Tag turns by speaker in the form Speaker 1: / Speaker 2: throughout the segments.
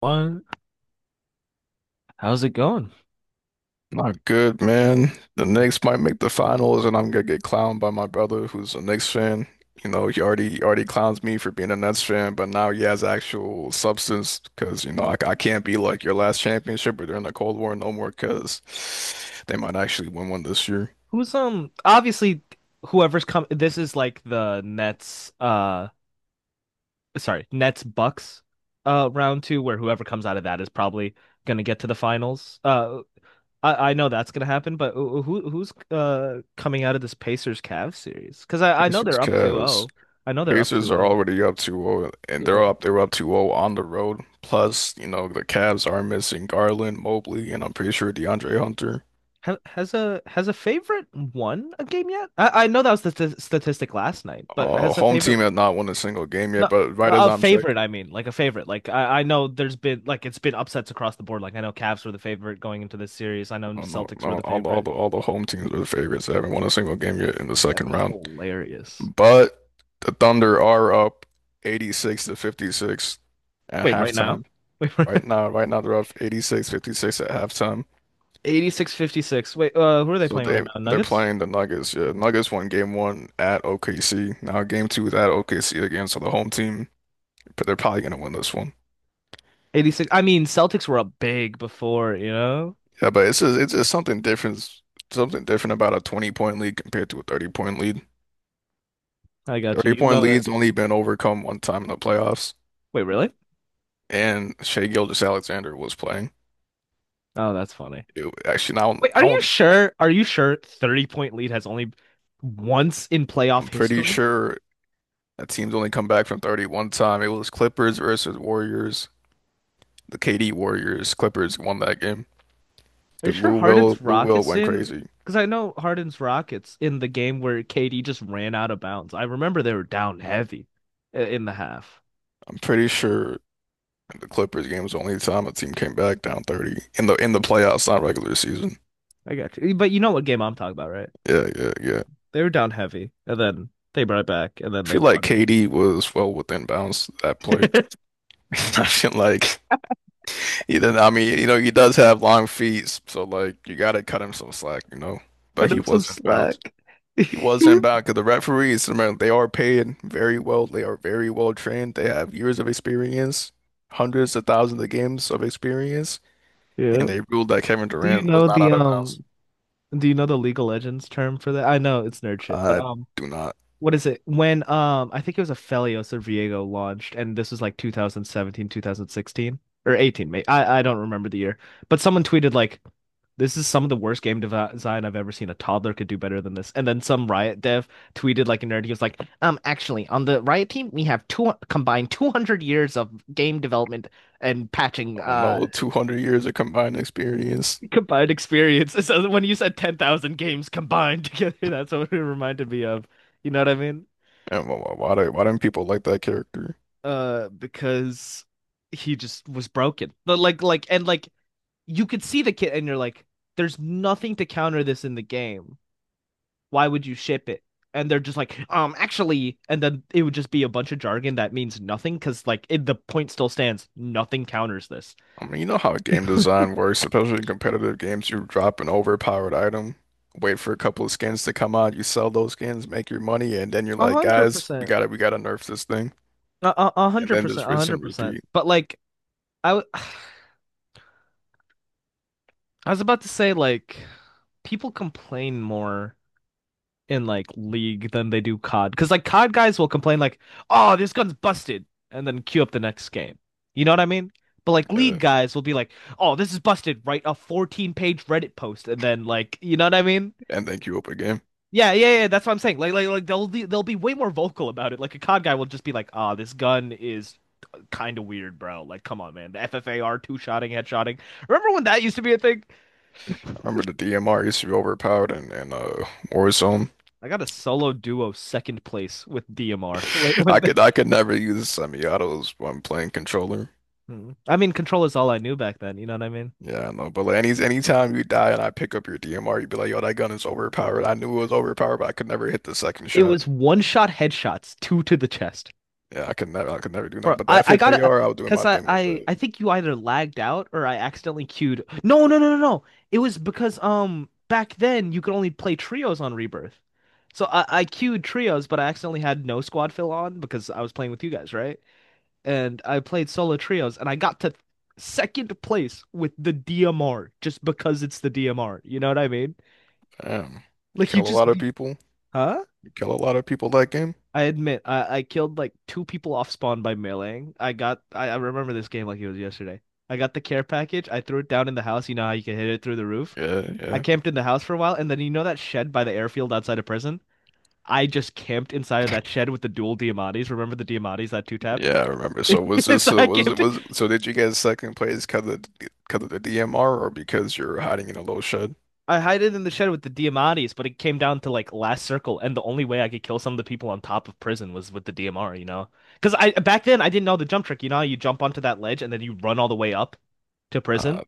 Speaker 1: Well, how's it going?
Speaker 2: Not good, man. The Knicks might make the finals, and I'm gonna get clowned by my brother, who's a Knicks fan. You know, he already clowns me for being a Nets fan, but now he has actual substance because you know I can't be like your last championship or during the Cold War no more because they might actually win one this year.
Speaker 1: Who's obviously whoever's come, this is like the Nets, sorry, Nets Bucks, round two, where whoever comes out of that is probably gonna get to the finals. I know that's gonna happen, but who's coming out of this Pacers Cavs series? 'Cause I know
Speaker 2: Pacers,
Speaker 1: they're up two
Speaker 2: Cavs.
Speaker 1: zero. I know they're up two
Speaker 2: Pacers are
Speaker 1: zero.
Speaker 2: already up 2-0, and
Speaker 1: Yeah.
Speaker 2: they're up 2-0 on the road. Plus, you know, the Cavs are missing Garland, Mobley, and I'm pretty sure DeAndre Hunter.
Speaker 1: Ha has a favorite won a game yet? I know that was the st statistic last night, but
Speaker 2: Uh,
Speaker 1: has a
Speaker 2: home
Speaker 1: favorite?
Speaker 2: team has not won a single game
Speaker 1: No,
Speaker 2: yet, but right as
Speaker 1: a
Speaker 2: I'm
Speaker 1: favorite,
Speaker 2: checking,
Speaker 1: I mean, like a favorite. Like I know there's been like it's been upsets across the board. Like I know Cavs were the favorite going into this series. I know
Speaker 2: oh, no,
Speaker 1: Celtics were
Speaker 2: no,
Speaker 1: the
Speaker 2: all the all
Speaker 1: favorite.
Speaker 2: the all the home teams are the favorites. They haven't won a single game yet in the
Speaker 1: That's
Speaker 2: second round.
Speaker 1: hilarious.
Speaker 2: But the Thunder are up 86 to 56 at
Speaker 1: Wait, right now?
Speaker 2: halftime.
Speaker 1: Wait, right now?
Speaker 2: Right now, right now they're up 86-56 at halftime.
Speaker 1: 86 56. Wait, who are they
Speaker 2: So
Speaker 1: playing right
Speaker 2: they
Speaker 1: now?
Speaker 2: they're
Speaker 1: Nuggets?
Speaker 2: playing the Nuggets. Yeah,
Speaker 1: Yeah.
Speaker 2: Nuggets won game one at OKC. Now game two is at OKC again. So the home team, but they're probably gonna win this one.
Speaker 1: 86. I mean, Celtics were up big before, you know?
Speaker 2: Yeah, but it's just something different about a 20 point lead compared to a 30 point lead.
Speaker 1: I got you.
Speaker 2: 30
Speaker 1: You
Speaker 2: point
Speaker 1: know it.
Speaker 2: lead's only been overcome one time in the playoffs,
Speaker 1: Wait, really?
Speaker 2: and Shea Gilgeous-Alexander was playing.
Speaker 1: Oh, that's funny.
Speaker 2: It- actually, now
Speaker 1: Wait,
Speaker 2: I
Speaker 1: are you
Speaker 2: don't,
Speaker 1: sure? Are you sure 30 point lead has only once in
Speaker 2: I'm
Speaker 1: playoff
Speaker 2: pretty
Speaker 1: history?
Speaker 2: sure that team's only come back from 30 one time. It was Clippers versus Warriors, the KD Warriors. Clippers won that game
Speaker 1: Are you
Speaker 2: because
Speaker 1: sure
Speaker 2: Lou Will
Speaker 1: Harden's
Speaker 2: Lou Will
Speaker 1: Rockets
Speaker 2: went
Speaker 1: in?
Speaker 2: crazy.
Speaker 1: Because I know Harden's Rockets in the game where KD just ran out of bounds. I remember they were down heavy in the half.
Speaker 2: I'm pretty sure the Clippers game was the only time a team came back down 30 in the playoffs, not regular season.
Speaker 1: I got you. But you know what game I'm talking about, right?
Speaker 2: Yeah, yeah, yeah.
Speaker 1: They were down heavy, and then they brought it back, and then
Speaker 2: I
Speaker 1: they
Speaker 2: feel like
Speaker 1: won.
Speaker 2: KD was well within bounds that play. I feel like either I mean, you know, he does have long feet, so like you gotta cut him some slack, you know. But
Speaker 1: But
Speaker 2: he
Speaker 1: it's some
Speaker 2: was in bounds.
Speaker 1: slack.
Speaker 2: He was in bounds because the referees, remember, they are paid very well. They are very well trained. They have years of experience, hundreds of thousands of games of experience,
Speaker 1: Yeah.
Speaker 2: and they ruled that Kevin
Speaker 1: Do you
Speaker 2: Durant was
Speaker 1: know
Speaker 2: not
Speaker 1: the
Speaker 2: out of bounds.
Speaker 1: um? Do you know the League of Legends term for that? I know it's nerd shit, but
Speaker 2: I do not.
Speaker 1: what is it? When I think it was a Felios or Viego launched, and this was like 2017, 2016, or 18, maybe. I don't remember the year. But someone tweeted like this is some of the worst design I've ever seen. A toddler could do better than this. And then some Riot dev tweeted like a nerd. He was like, actually, on the Riot team, we have two combined 200 years of game development and patching
Speaker 2: Oh
Speaker 1: uh
Speaker 2: no, 200 years of combined experience.
Speaker 1: combined experience. So when you said 10,000 games combined together, that's what it reminded me of. You know what I mean?
Speaker 2: And why don't people like that character?
Speaker 1: Because he just was broken. But like you could see the kid and you're like there's nothing to counter this in the game. Why would you ship it? And they're just like, actually, and then it would just be a bunch of jargon that means nothing, cuz like it, the point still stands, nothing counters this.
Speaker 2: I mean, you know how game design works, especially in competitive games. You drop an overpowered item, wait for a couple of skins to come out, you sell those skins, make your money, and then you're
Speaker 1: A
Speaker 2: like, guys, we
Speaker 1: 100%.
Speaker 2: gotta we gotta nerf this thing.
Speaker 1: A
Speaker 2: And
Speaker 1: hundred
Speaker 2: then
Speaker 1: percent,
Speaker 2: just
Speaker 1: a
Speaker 2: rinse
Speaker 1: hundred
Speaker 2: and
Speaker 1: percent.
Speaker 2: repeat,
Speaker 1: But like I, w- I was about to say like people complain more in like League than they do COD. Because like COD guys will complain like, "Oh, this gun's busted," and then queue up the next game. You know what I mean? But like
Speaker 2: uh,
Speaker 1: League guys will be like, "Oh, this is busted." Write a 14-page Reddit post, and then like, you know what I mean?
Speaker 2: and then queue up again.
Speaker 1: Yeah, yeah, yeah. That's what I'm saying. Like they'll they'll be way more vocal about it. Like a COD guy will just be like, "Ah, this gun is kind of weird, bro. Like, come on, man. The FFAR two-shotting, headshotting. Remember when that used to be a thing?
Speaker 2: I remember the DMR used to be overpowered and Warzone.
Speaker 1: I got a solo duo second place with DMR when
Speaker 2: I could I could never use semi-autos when playing controller.
Speaker 1: Mm. I mean, control is all I knew back then. You know what I mean?
Speaker 2: Yeah, I know. But like anytime you die and I pick up your DMR, you'd be like, yo, that gun is overpowered. I knew it was overpowered, but I could never hit the second
Speaker 1: It
Speaker 2: shot.
Speaker 1: was one shot headshots, two to the chest.
Speaker 2: Yeah, I could never do
Speaker 1: Bro,
Speaker 2: nothing. But the
Speaker 1: I gotta,
Speaker 2: FFAR, I was doing
Speaker 1: Because
Speaker 2: my
Speaker 1: I,
Speaker 2: thing with
Speaker 1: I,
Speaker 2: it.
Speaker 1: I think you either lagged out or I accidentally queued. No, no, no, no, no. It was because, back then you could only play trios on Rebirth. So I queued trios, but I accidentally had no squad fill on because I was playing with you guys, right? And I played solo trios and I got to second place with the DMR just because it's the DMR. You know what I mean?
Speaker 2: Damn,
Speaker 1: Like
Speaker 2: kill
Speaker 1: you
Speaker 2: a
Speaker 1: just
Speaker 2: lot of
Speaker 1: be,
Speaker 2: people.
Speaker 1: huh?
Speaker 2: You kill a lot of people that game.
Speaker 1: I admit, I killed like two people off spawn by meleeing. I remember this game like it was yesterday. I got the care package. I threw it down in the house. You know how you can hit it through the roof.
Speaker 2: Yeah,
Speaker 1: I
Speaker 2: yeah,
Speaker 1: camped in the house for a while, and then you know that shed by the airfield outside of prison? I just camped inside of that shed with the dual Diamantes. Remember the Diamantes that two tapped?
Speaker 2: yeah. I remember. So was this?
Speaker 1: So
Speaker 2: So
Speaker 1: I
Speaker 2: was it?
Speaker 1: camped.
Speaker 2: Was so? Did you get second place because of the DMR or because you're hiding in a low shed?
Speaker 1: I hid it in the shed with the Diamantes, but it came down to like last circle, and the only way I could kill some of the people on top of prison was with the DMR, you know? Because I back then I didn't know the jump trick. You know, how you jump onto that ledge and then you run all the way up to
Speaker 2: Uh,
Speaker 1: prison?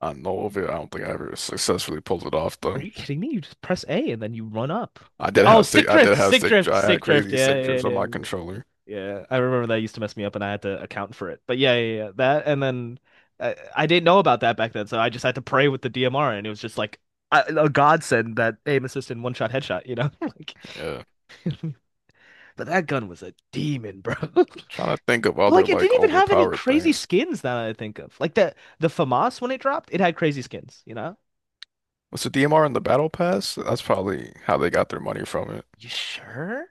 Speaker 2: I know of it. I don't think I ever successfully pulled it off
Speaker 1: Are
Speaker 2: though.
Speaker 1: you kidding me? You just press A and then you run up.
Speaker 2: I did
Speaker 1: Oh,
Speaker 2: have
Speaker 1: stick
Speaker 2: stick. I
Speaker 1: drift,
Speaker 2: did have
Speaker 1: stick
Speaker 2: stick. Dri-
Speaker 1: drift,
Speaker 2: I had
Speaker 1: stick drift.
Speaker 2: crazy
Speaker 1: Yeah,
Speaker 2: stick
Speaker 1: yeah,
Speaker 2: drips
Speaker 1: yeah.
Speaker 2: on
Speaker 1: Yeah.
Speaker 2: my controller.
Speaker 1: Yeah, yeah, I remember that used to mess me up and I had to account for it. But yeah, yeah, yeah. That and then I didn't know about that back then, so I just had to pray with the DMR and it was just like a godsend that aim assist and one-shot headshot, you know? Like
Speaker 2: Yeah.
Speaker 1: but that gun was a demon, bro.
Speaker 2: Trying to think of other
Speaker 1: Like it didn't
Speaker 2: like
Speaker 1: even have any
Speaker 2: overpowered
Speaker 1: crazy
Speaker 2: things.
Speaker 1: skins that I think of. Like the FAMAS when it dropped, it had crazy skins, you know?
Speaker 2: Was the DMR in the Battle Pass? That's probably how they got their money from it.
Speaker 1: You sure?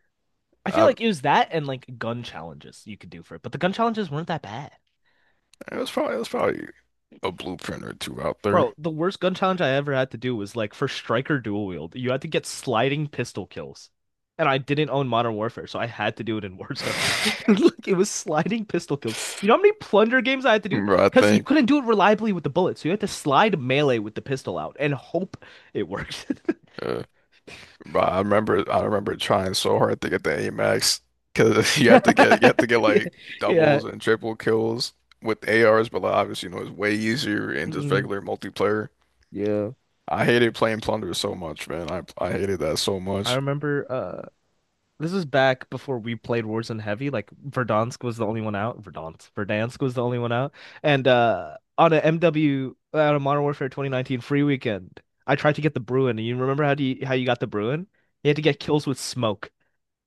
Speaker 1: I feel
Speaker 2: I,
Speaker 1: like it was that and like gun challenges you could do for it, but the gun challenges weren't that bad.
Speaker 2: it was probably a blueprint or two out there.
Speaker 1: Bro, the worst gun challenge I ever had to do was like for Striker Dual Wield, you had to get sliding pistol kills. And I didn't own Modern Warfare, so I had to do it in Warzone. Look, it was sliding pistol kills. You know how many plunder games I had to do?
Speaker 2: But I
Speaker 1: Because you
Speaker 2: think,
Speaker 1: couldn't do it reliably with the bullets, so you had to slide melee with the pistol out and hope it worked.
Speaker 2: uh, but I remember trying so hard to get the A Max because you have to get you have to get
Speaker 1: Yeah.
Speaker 2: like
Speaker 1: Yeah.
Speaker 2: doubles and triple kills with ARs, but like, obviously you know it's way easier in just
Speaker 1: Mm,
Speaker 2: regular multiplayer.
Speaker 1: yeah.
Speaker 2: I hated playing Plunder so much, man. I hated that so
Speaker 1: I
Speaker 2: much.
Speaker 1: remember. This was back before we played Warzone heavy. Like Verdansk was the only one out. Verdansk, Verdansk was the only one out. And on a Modern Warfare 2019 free weekend, I tried to get the Bruin. And you remember how how you got the Bruin? You had to get kills with smoke,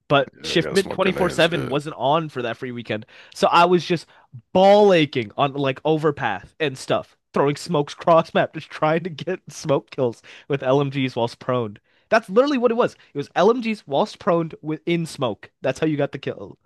Speaker 1: but
Speaker 2: Yeah, you gotta
Speaker 1: Shiftment
Speaker 2: smoke grenades.
Speaker 1: 24/7
Speaker 2: Yeah.
Speaker 1: wasn't on for that free weekend. So I was just ball aching on like overpath and stuff, throwing smokes cross map, just trying to get smoke kills with LMGs whilst prone. That's literally what it was. It was LMGs whilst prone within smoke. That's how you got the kill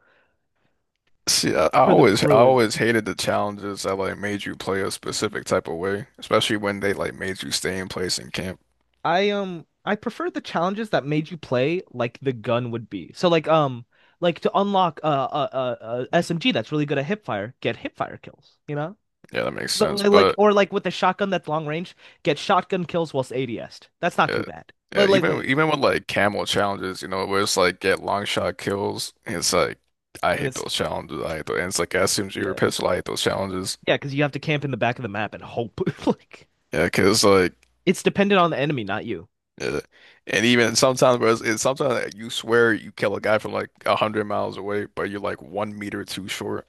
Speaker 2: See, I, I
Speaker 1: for the
Speaker 2: always I
Speaker 1: Bruin.
Speaker 2: always hated the challenges that like made you play a specific type of way, especially when they like made you stay in place and camp.
Speaker 1: I prefer the challenges that made you play like the gun would be. So like to unlock a SMG that's really good at hipfire, get hipfire kills, you know?
Speaker 2: Yeah, that makes
Speaker 1: But,
Speaker 2: sense.
Speaker 1: li- Like
Speaker 2: But
Speaker 1: or like with a shotgun that's long range, get shotgun kills whilst ads. That's not
Speaker 2: yeah.
Speaker 1: too bad.
Speaker 2: Yeah, even even with like camel challenges, you know, where it's like get long shot kills, it's like I
Speaker 1: And
Speaker 2: hate
Speaker 1: it's
Speaker 2: those challenges. I hate those. And it's like as soon as you're a
Speaker 1: yeah
Speaker 2: pistol, I hate those challenges.
Speaker 1: yeah because you have to camp in the back of the map and hope. Like
Speaker 2: Yeah, 'cause like,
Speaker 1: it's dependent on the enemy, not you.
Speaker 2: yeah. And even sometimes, bro, you swear you kill a guy from like a hundred miles away, but you're like 1 meter too short,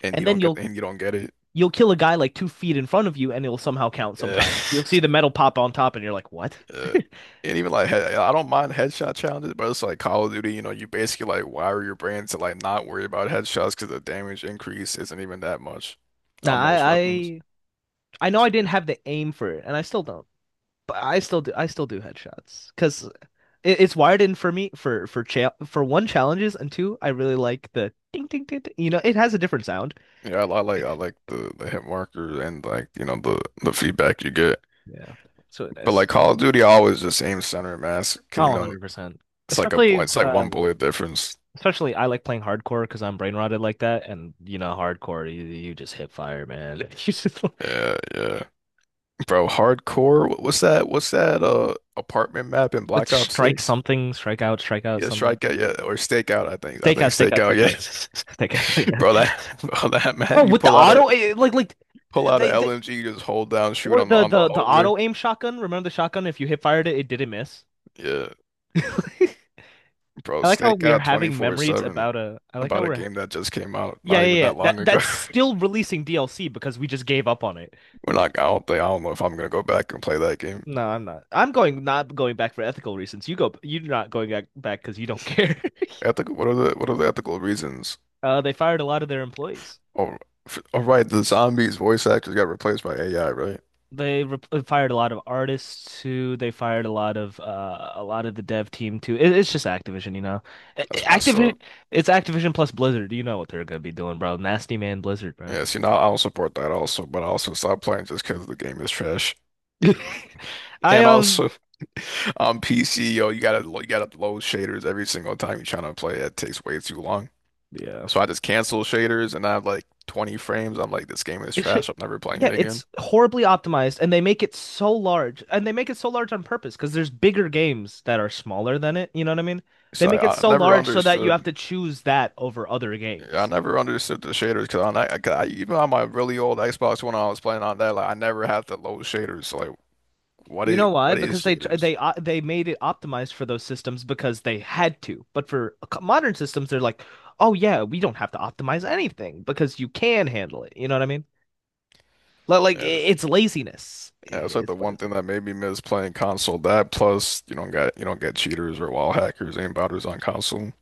Speaker 2: and
Speaker 1: And
Speaker 2: you
Speaker 1: then
Speaker 2: don't get
Speaker 1: you'll
Speaker 2: and you don't get it.
Speaker 1: you'll kill a guy like 2 feet in front of you, and it'll somehow count.
Speaker 2: Yeah.
Speaker 1: Sometimes you'll see the metal pop on top, and you're like, what?
Speaker 2: Yeah. And even like, I don't mind headshot challenges, but it's like Call of Duty, you know, you basically like wire your brain to like not worry about headshots because the damage increase isn't even that much on
Speaker 1: Nah,
Speaker 2: most
Speaker 1: I
Speaker 2: weapons.
Speaker 1: I I know I didn't have the aim for it, and I still don't. But I still do headshots because it's wired in for me for cha for one, challenges, and two, I really like the ding, ding, ding, ding. You know, it has a different sound.
Speaker 2: Yeah, I like the hit marker and like you know the feedback you get.
Speaker 1: Yeah, that's really
Speaker 2: But
Speaker 1: nice.
Speaker 2: like Call of Duty, I always just aim center mass. 'cause,
Speaker 1: Oh,
Speaker 2: You know,
Speaker 1: 100%. Especially
Speaker 2: it's like one
Speaker 1: um
Speaker 2: bullet difference.
Speaker 1: especially I like playing hardcore because I'm brain rotted like that and you know hardcore you just hit fire, man. You just
Speaker 2: Yeah, yeah, bro. Hardcore. What's that? Apartment map in
Speaker 1: let's
Speaker 2: Black Ops
Speaker 1: strike
Speaker 2: 6?
Speaker 1: something, strike out,
Speaker 2: Yeah,
Speaker 1: something like that.
Speaker 2: strikeout, yeah, or stakeout. I think, I
Speaker 1: Take
Speaker 2: think
Speaker 1: out, take out,
Speaker 2: stakeout.
Speaker 1: take out, take out.
Speaker 2: Yeah,
Speaker 1: Yeah.
Speaker 2: bro, that map
Speaker 1: Bro,
Speaker 2: you
Speaker 1: with the
Speaker 2: pull out a
Speaker 1: auto eh, eh, like they
Speaker 2: LMG, you just hold down, shoot
Speaker 1: or
Speaker 2: on the
Speaker 1: the,
Speaker 2: on the
Speaker 1: the the
Speaker 2: hallway.
Speaker 1: auto aim shotgun. Remember the shotgun? If you hit fired it, it didn't miss.
Speaker 2: Yeah, bro,
Speaker 1: I like how we are
Speaker 2: stakeout
Speaker 1: having memories
Speaker 2: 24/7
Speaker 1: about a. I like how
Speaker 2: about a
Speaker 1: we're.
Speaker 2: game that just came out
Speaker 1: Yeah,
Speaker 2: not
Speaker 1: yeah,
Speaker 2: even
Speaker 1: yeah.
Speaker 2: that
Speaker 1: That
Speaker 2: long ago.
Speaker 1: that's still releasing DLC because we just gave up on it.
Speaker 2: We're not. I don't think. I don't know if I'm gonna go back and play that game.
Speaker 1: No, I'm not. I'm going not going back for ethical reasons. You go. You're not going back back because you don't care.
Speaker 2: Ethical. What are the ethical reasons?
Speaker 1: They fired a lot of their employees.
Speaker 2: Oh, oh, right. The zombies voice actors got replaced by AI, right?
Speaker 1: They re fired a lot of artists too. They fired a lot of the dev team too. It's just Activision, you know.
Speaker 2: That's messed up.
Speaker 1: Activision, it's Activision plus Blizzard. You know what they're gonna be doing, bro. Nasty man Blizzard, bro.
Speaker 2: Yeah. See, now I don't support that also, but I also stopped playing just because the game is trash.
Speaker 1: I
Speaker 2: And
Speaker 1: um.
Speaker 2: also on PC, yo, you gotta load shaders every single time you're trying to play. That takes way too long.
Speaker 1: Yeah.
Speaker 2: So I just cancel shaders and I have like 20 frames. I'm like, this game is
Speaker 1: It should,
Speaker 2: trash. I'm never playing
Speaker 1: yeah,
Speaker 2: it again.
Speaker 1: it's horribly optimized, and they make it so large, and they make it so large on purpose because there's bigger games that are smaller than it. You know what I mean? They
Speaker 2: So
Speaker 1: make it
Speaker 2: I, I
Speaker 1: so
Speaker 2: never
Speaker 1: large so that you
Speaker 2: understood.
Speaker 1: have to choose that over other
Speaker 2: I
Speaker 1: games.
Speaker 2: never understood the shaders because on that, 'cause even on my really old Xbox One, I was playing on that. Like I never had to load shaders. So like,
Speaker 1: You know why?
Speaker 2: what is
Speaker 1: Because they tr-
Speaker 2: shaders?
Speaker 1: they made it optimized for those systems because they had to. But for modern systems, they're like, oh yeah, we don't have to optimize anything because you can handle it. You know what I mean? Li- Like, i-
Speaker 2: Yeah,
Speaker 1: it's laziness.
Speaker 2: yeah, it's like
Speaker 1: It's
Speaker 2: the
Speaker 1: what
Speaker 2: one
Speaker 1: is
Speaker 2: thing
Speaker 1: it?
Speaker 2: that made me miss playing console. That plus you don't get cheaters or wild hackers, aim botters on console.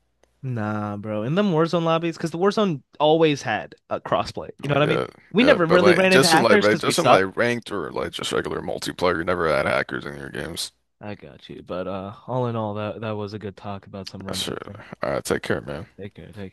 Speaker 1: Nah, bro. In them Warzone lobbies, because the Warzone always had a crossplay. You know what
Speaker 2: Like,
Speaker 1: I mean?
Speaker 2: yeah,
Speaker 1: We
Speaker 2: yeah,
Speaker 1: never
Speaker 2: but
Speaker 1: really
Speaker 2: like
Speaker 1: ran into
Speaker 2: just in like
Speaker 1: hackers
Speaker 2: ra-
Speaker 1: because we
Speaker 2: just in
Speaker 1: suck.
Speaker 2: like ranked or like just regular multiplayer, you never had hackers in your games.
Speaker 1: I got you. But all in all, that was a good talk about some
Speaker 2: That's true.
Speaker 1: Remnant thing.
Speaker 2: All right, take care, man.
Speaker 1: Take care. Take care.